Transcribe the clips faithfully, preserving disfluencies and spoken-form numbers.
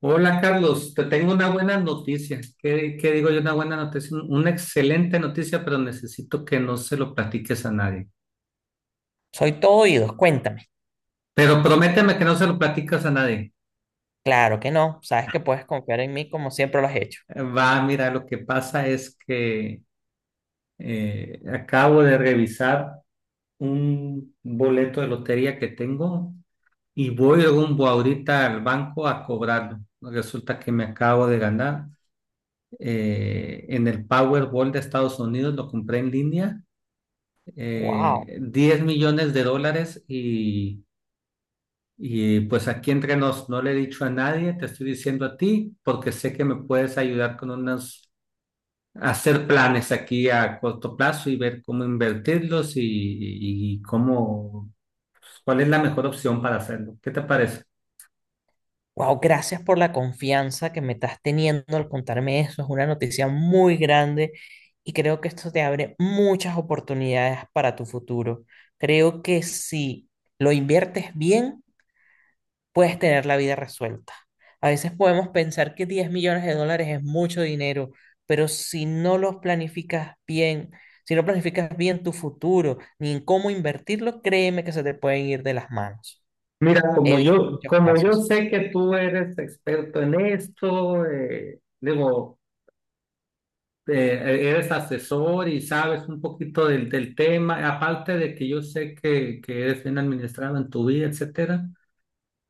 Hola Carlos, te tengo una buena noticia. ¿Qué, qué digo yo? Una buena noticia, un- una excelente noticia, pero necesito que no se lo platiques a nadie. Soy todo oídos, cuéntame. Pero prométeme que no se lo platicas a nadie. Claro que no, sabes que puedes confiar en mí como siempre lo has hecho. Eh, Va, mira, lo que pasa es que eh, acabo de revisar un boleto de lotería que tengo y voy rumbo ahorita al banco a cobrarlo. Resulta que me acabo de ganar eh, en el Powerball de Estados Unidos, lo compré en línea Wow, eh, diez millones de dólares y, y, pues aquí entre nos, no le he dicho a nadie, te estoy diciendo a ti porque sé que me puedes ayudar con unos, hacer planes aquí a corto plazo y ver cómo invertirlos y, y cómo, pues, cuál es la mejor opción para hacerlo. ¿Qué te parece? wow, gracias por la confianza que me estás teniendo al contarme eso. Es una noticia muy grande y creo que esto te abre muchas oportunidades para tu futuro. Creo que si lo inviertes bien, puedes tener la vida resuelta. A veces podemos pensar que diez millones de dólares es mucho dinero, pero si no los planificas bien, si no planificas bien tu futuro, ni en cómo invertirlo, créeme que se te pueden ir de las manos. Mira, He como visto yo, muchos como yo casos. sé que tú eres experto en esto, eh, digo, eh, eres asesor y sabes un poquito del, del tema, aparte de que yo sé que, que eres bien administrado en tu vida, etcétera.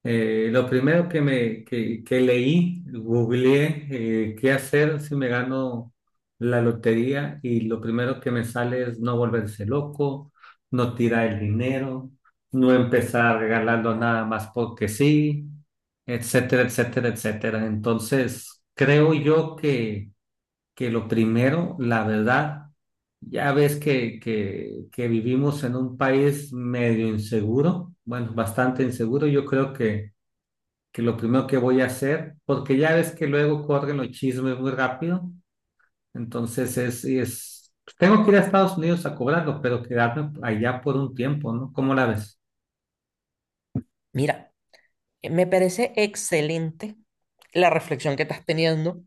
Eh, lo primero que me que, que leí, googleé eh, qué hacer si me gano la lotería, y lo primero que me sale es no volverse loco, no tirar el dinero, no empezar regalando nada más porque sí, etcétera, etcétera, etcétera. Entonces, creo yo que que lo primero, la verdad, ya ves que, que, que vivimos en un país medio inseguro, bueno, bastante inseguro, yo creo que, que lo primero que voy a hacer, porque ya ves que luego corren los chismes muy rápido, entonces es, es, tengo que ir a Estados Unidos a cobrarlo, pero quedarme allá por un tiempo, ¿no? ¿Cómo la ves? Mira, me parece excelente la reflexión que estás teniendo,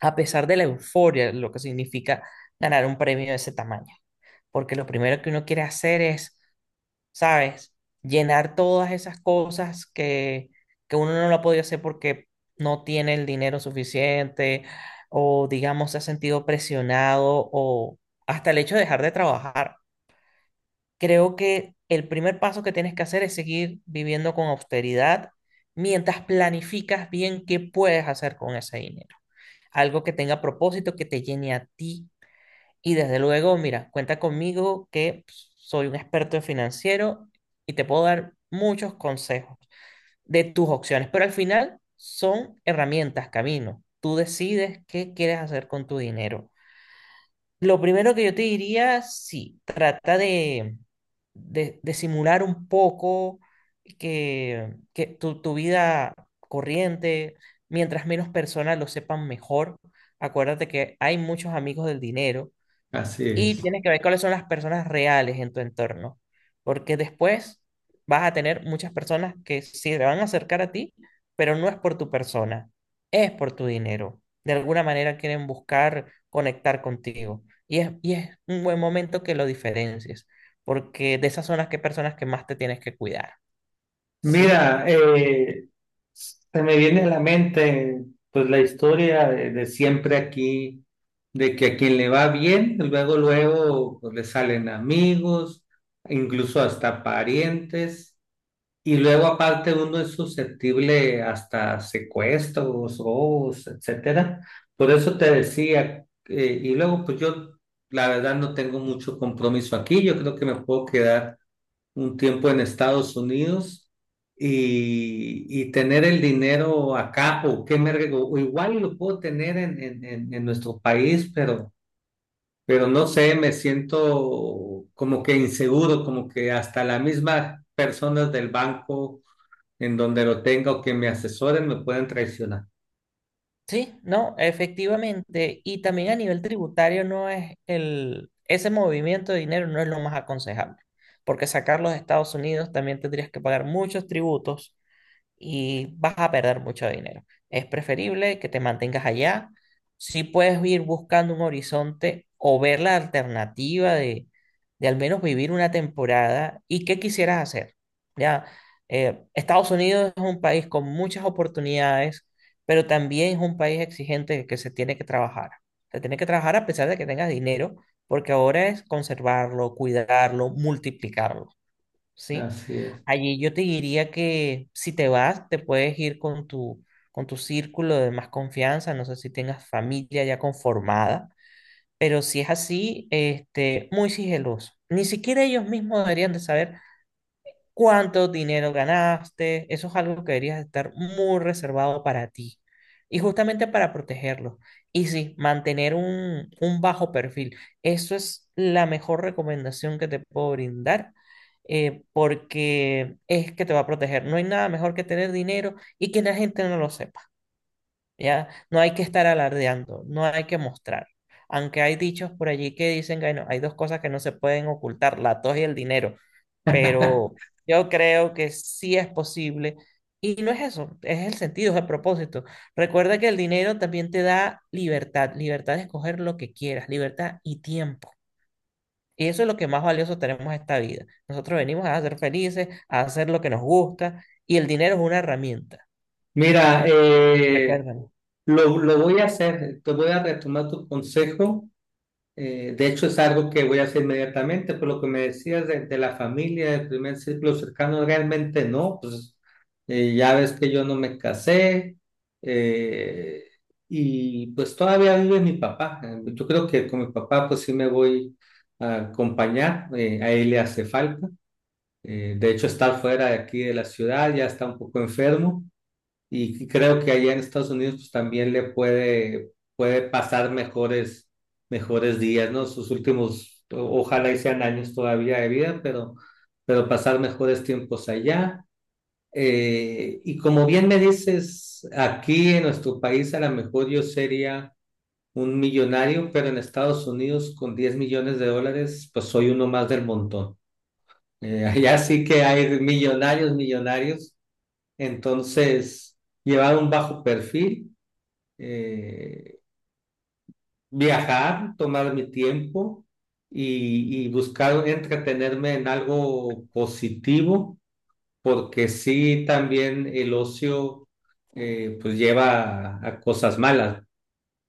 a pesar de la euforia, lo que significa ganar un premio de ese tamaño. Porque lo primero que uno quiere hacer es, ¿sabes? Llenar todas esas cosas que, que uno no lo ha podido hacer porque no tiene el dinero suficiente o digamos se ha sentido presionado o hasta el hecho de dejar de trabajar. Creo que el primer paso que tienes que hacer es seguir viviendo con austeridad mientras planificas bien qué puedes hacer con ese dinero. Algo que tenga propósito, que te llene a ti, y desde luego, mira, cuenta conmigo, que pues, soy un experto en financiero y te puedo dar muchos consejos de tus opciones, pero al final son herramientas, camino. Tú decides qué quieres hacer con tu dinero. Lo primero que yo te diría, sí, trata de, de, de simular un poco que, que tu, tu vida corriente, mientras menos personas lo sepan, mejor. Acuérdate que hay muchos amigos del dinero Así y es. tienes que ver cuáles son las personas reales en tu entorno, porque después vas a tener muchas personas que sí se van a acercar a ti, pero no es por tu persona, es por tu dinero. De alguna manera quieren buscar conectar contigo, y es, y es un buen momento que lo diferencies, porque de esas son las que personas que más te tienes que cuidar, ¿sí? Mira, eh, se me viene a la mente pues la historia de, de siempre aquí, de que a quien le va bien, luego, luego pues, le salen amigos, incluso hasta parientes, y luego aparte uno es susceptible hasta secuestros, robos, etcétera. Por eso te decía, eh, y luego pues yo la verdad no tengo mucho compromiso aquí, yo creo que me puedo quedar un tiempo en Estados Unidos y, y tener el dinero acá o qué me rego- o igual lo puedo tener en, en, en- en nuestro país, pero, pero no sé, me siento como que inseguro, como que hasta las mismas personas del banco en donde lo tenga o que me asesoren me pueden traicionar. Sí, no, efectivamente. Y también a nivel tributario no es el, ese movimiento de dinero no es lo más aconsejable, porque sacarlo de Estados Unidos también tendrías que pagar muchos tributos y vas a perder mucho dinero. Es preferible que te mantengas allá. Si puedes ir buscando un horizonte o ver la alternativa de, de al menos vivir una temporada y qué quisieras hacer. Ya, Eh, Estados Unidos es un país con muchas oportunidades, pero también es un país exigente, que se tiene que trabajar. Se tiene que trabajar a pesar de que tengas dinero, porque ahora es conservarlo, cuidarlo, multiplicarlo. ¿Sí? Así es. Allí yo te diría que si te vas, te puedes ir con tu, con tu círculo de más confianza, no sé si tengas familia ya conformada, pero si es así, este, muy sigiloso. Ni siquiera ellos mismos deberían de saber cuánto dinero ganaste. Eso es algo que deberías estar muy reservado para ti. Y justamente para protegerlo. Y sí, mantener un, un bajo perfil. Eso es la mejor recomendación que te puedo brindar, eh, porque es que te va a proteger. No hay nada mejor que tener dinero y que la gente no lo sepa. ¿Ya? No hay que estar alardeando, no hay que mostrar. Aunque hay dichos por allí que dicen que, bueno, hay dos cosas que no se pueden ocultar, la tos y el dinero, pero yo creo que sí es posible. Y no es eso, es el sentido, es el propósito. Recuerda que el dinero también te da libertad, libertad de escoger lo que quieras, libertad y tiempo. Y eso es lo que más valioso tenemos en esta vida. Nosotros venimos a ser felices, a hacer lo que nos gusta, y el dinero es una herramienta. Mira, eh, Recuerda. lo, lo voy a hacer, te voy a retomar tu consejo. Eh, de hecho, es algo que voy a hacer inmediatamente, por lo que me decías de, de la familia, del primer círculo cercano, realmente no, pues eh, ya ves que yo no me casé. Eh, y pues todavía vive mi papá. Eh, Yo creo que con mi papá pues sí me voy a acompañar, eh, a él le hace falta. Eh, de hecho, está fuera de aquí de la ciudad, ya está un poco enfermo. Y creo que allá en Estados Unidos pues también le puede, puede pasar mejores, mejores días, ¿no? Sus últimos, o- ojalá y sean años todavía de vida, pero, pero pasar mejores tiempos allá. Eh, y como bien me dices, aquí en nuestro país a lo mejor yo sería un millonario, pero en Estados Unidos con diez millones de dólares, pues soy uno más del montón. Eh, allá sí que hay millonarios, millonarios. Entonces, llevar un bajo perfil, eh, viajar, tomar mi tiempo y, y buscar entretenerme en algo positivo, porque sí, también el ocio eh, pues lleva a, a cosas malas.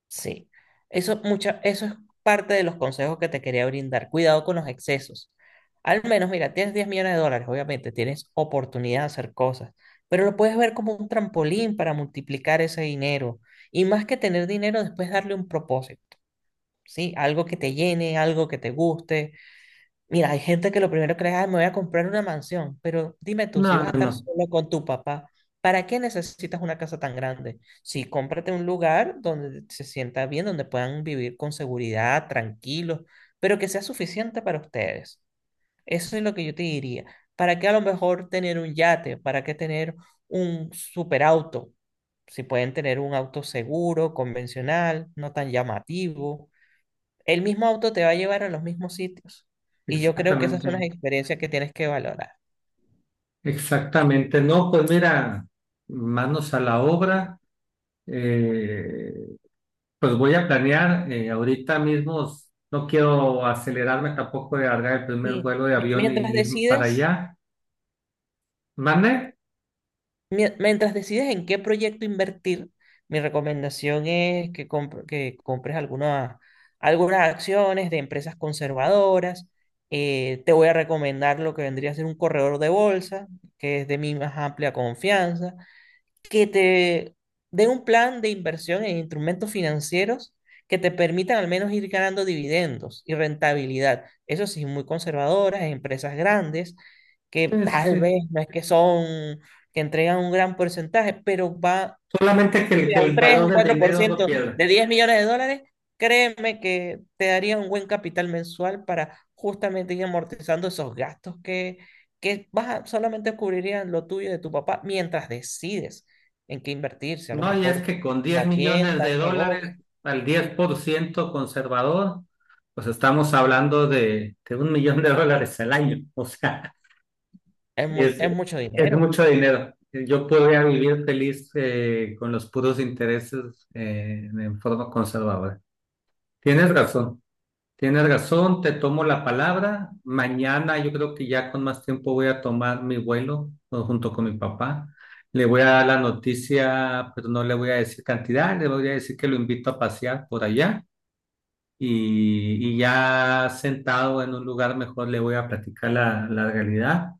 Sí, eso, mucha, eso es parte de los consejos que te quería brindar. Cuidado con los excesos. Al menos, mira, tienes diez millones de dólares, obviamente, tienes oportunidad de hacer cosas, pero lo puedes ver como un trampolín para multiplicar ese dinero. Y más que tener dinero, después darle un propósito, ¿sí? Algo que te llene, algo que te guste. Mira, hay gente que lo primero que le da, me voy a comprar una mansión, pero dime tú, si No, vas a no, estar no, solo con tu papá, ¿para qué necesitas una casa tan grande? Sí, cómprate un lugar donde se sienta bien, donde puedan vivir con seguridad, tranquilos, pero que sea suficiente para ustedes. Eso es lo que yo te diría. ¿Para qué a lo mejor tener un yate? ¿Para qué tener un superauto? Si pueden tener un auto seguro, convencional, no tan llamativo. El mismo auto te va a llevar a los mismos sitios. Y yo creo que esas son las exactamente, experiencias que tienes que valorar. exactamente. No, pues mira, manos a la obra. eh, pues voy a planear eh, ahorita mismo. No quiero acelerarme tampoco de agarrar el primer Y vuelo de mi- avión y mientras ir para decides, allá. ¿Mande? mie- mientras decides en qué proyecto invertir, mi recomendación es que, compr- que compres alguna- algunas acciones de empresas conservadoras. Eh, te voy a recomendar lo que vendría a ser un corredor de bolsa, que es de mi más amplia confianza, que te den un plan de inversión en instrumentos financieros que te permitan al menos ir ganando dividendos y rentabilidad. Eso sí, muy conservadoras, empresas grandes, Sí, que sí, tal sí. vez no es que son, que entregan un gran porcentaje, pero va, Solamente que el, que mira, un el tres, valor un del cuatro por dinero no ciento pierda. de diez millones de dólares, créeme que te daría un buen capital mensual para justamente ir amortizando esos gastos que, que vas a- solamente cubrirían lo tuyo y de tu papá mientras decides en qué invertir, si a lo No, y es mejor que con diez una millones tienda, de un dólares negocio, al diez por ciento conservador, pues estamos hablando de, de un millón de dólares al año. O sea, es muy, es, es mucho es dinero. mucho dinero. Yo podría vivir feliz eh, con los puros intereses eh, en forma conservadora. Tienes razón. Tienes razón, te tomo la palabra. Mañana yo creo que ya con más tiempo voy a tomar mi vuelo, ¿no?, junto con mi papá. Le voy a dar la noticia, pero no le voy a decir cantidad, le voy a decir que lo invito a pasear por allá y, y ya sentado en un lugar mejor le voy a platicar la, la realidad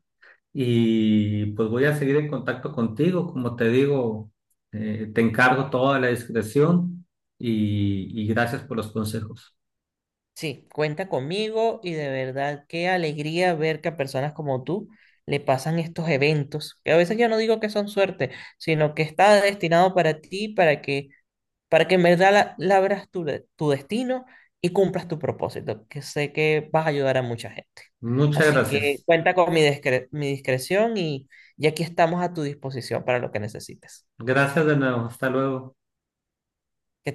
y pues voy a seguir en contacto contigo. Como te digo, eh, te encargo toda la discreción y y gracias por los consejos. Sí, cuenta conmigo y de verdad qué alegría ver que a personas como tú le pasan estos eventos, que a veces yo no digo que son suerte, sino que está destinado para ti, para que para que en verdad la- labras tu, de- tu destino y cumplas tu propósito, que sé que vas a ayudar a mucha gente. Muchas Así que gracias. cuenta con mi, discre- mi discreción, y, y aquí estamos a tu disposición para lo que necesites. Gracias de nuevo. Hasta luego. Que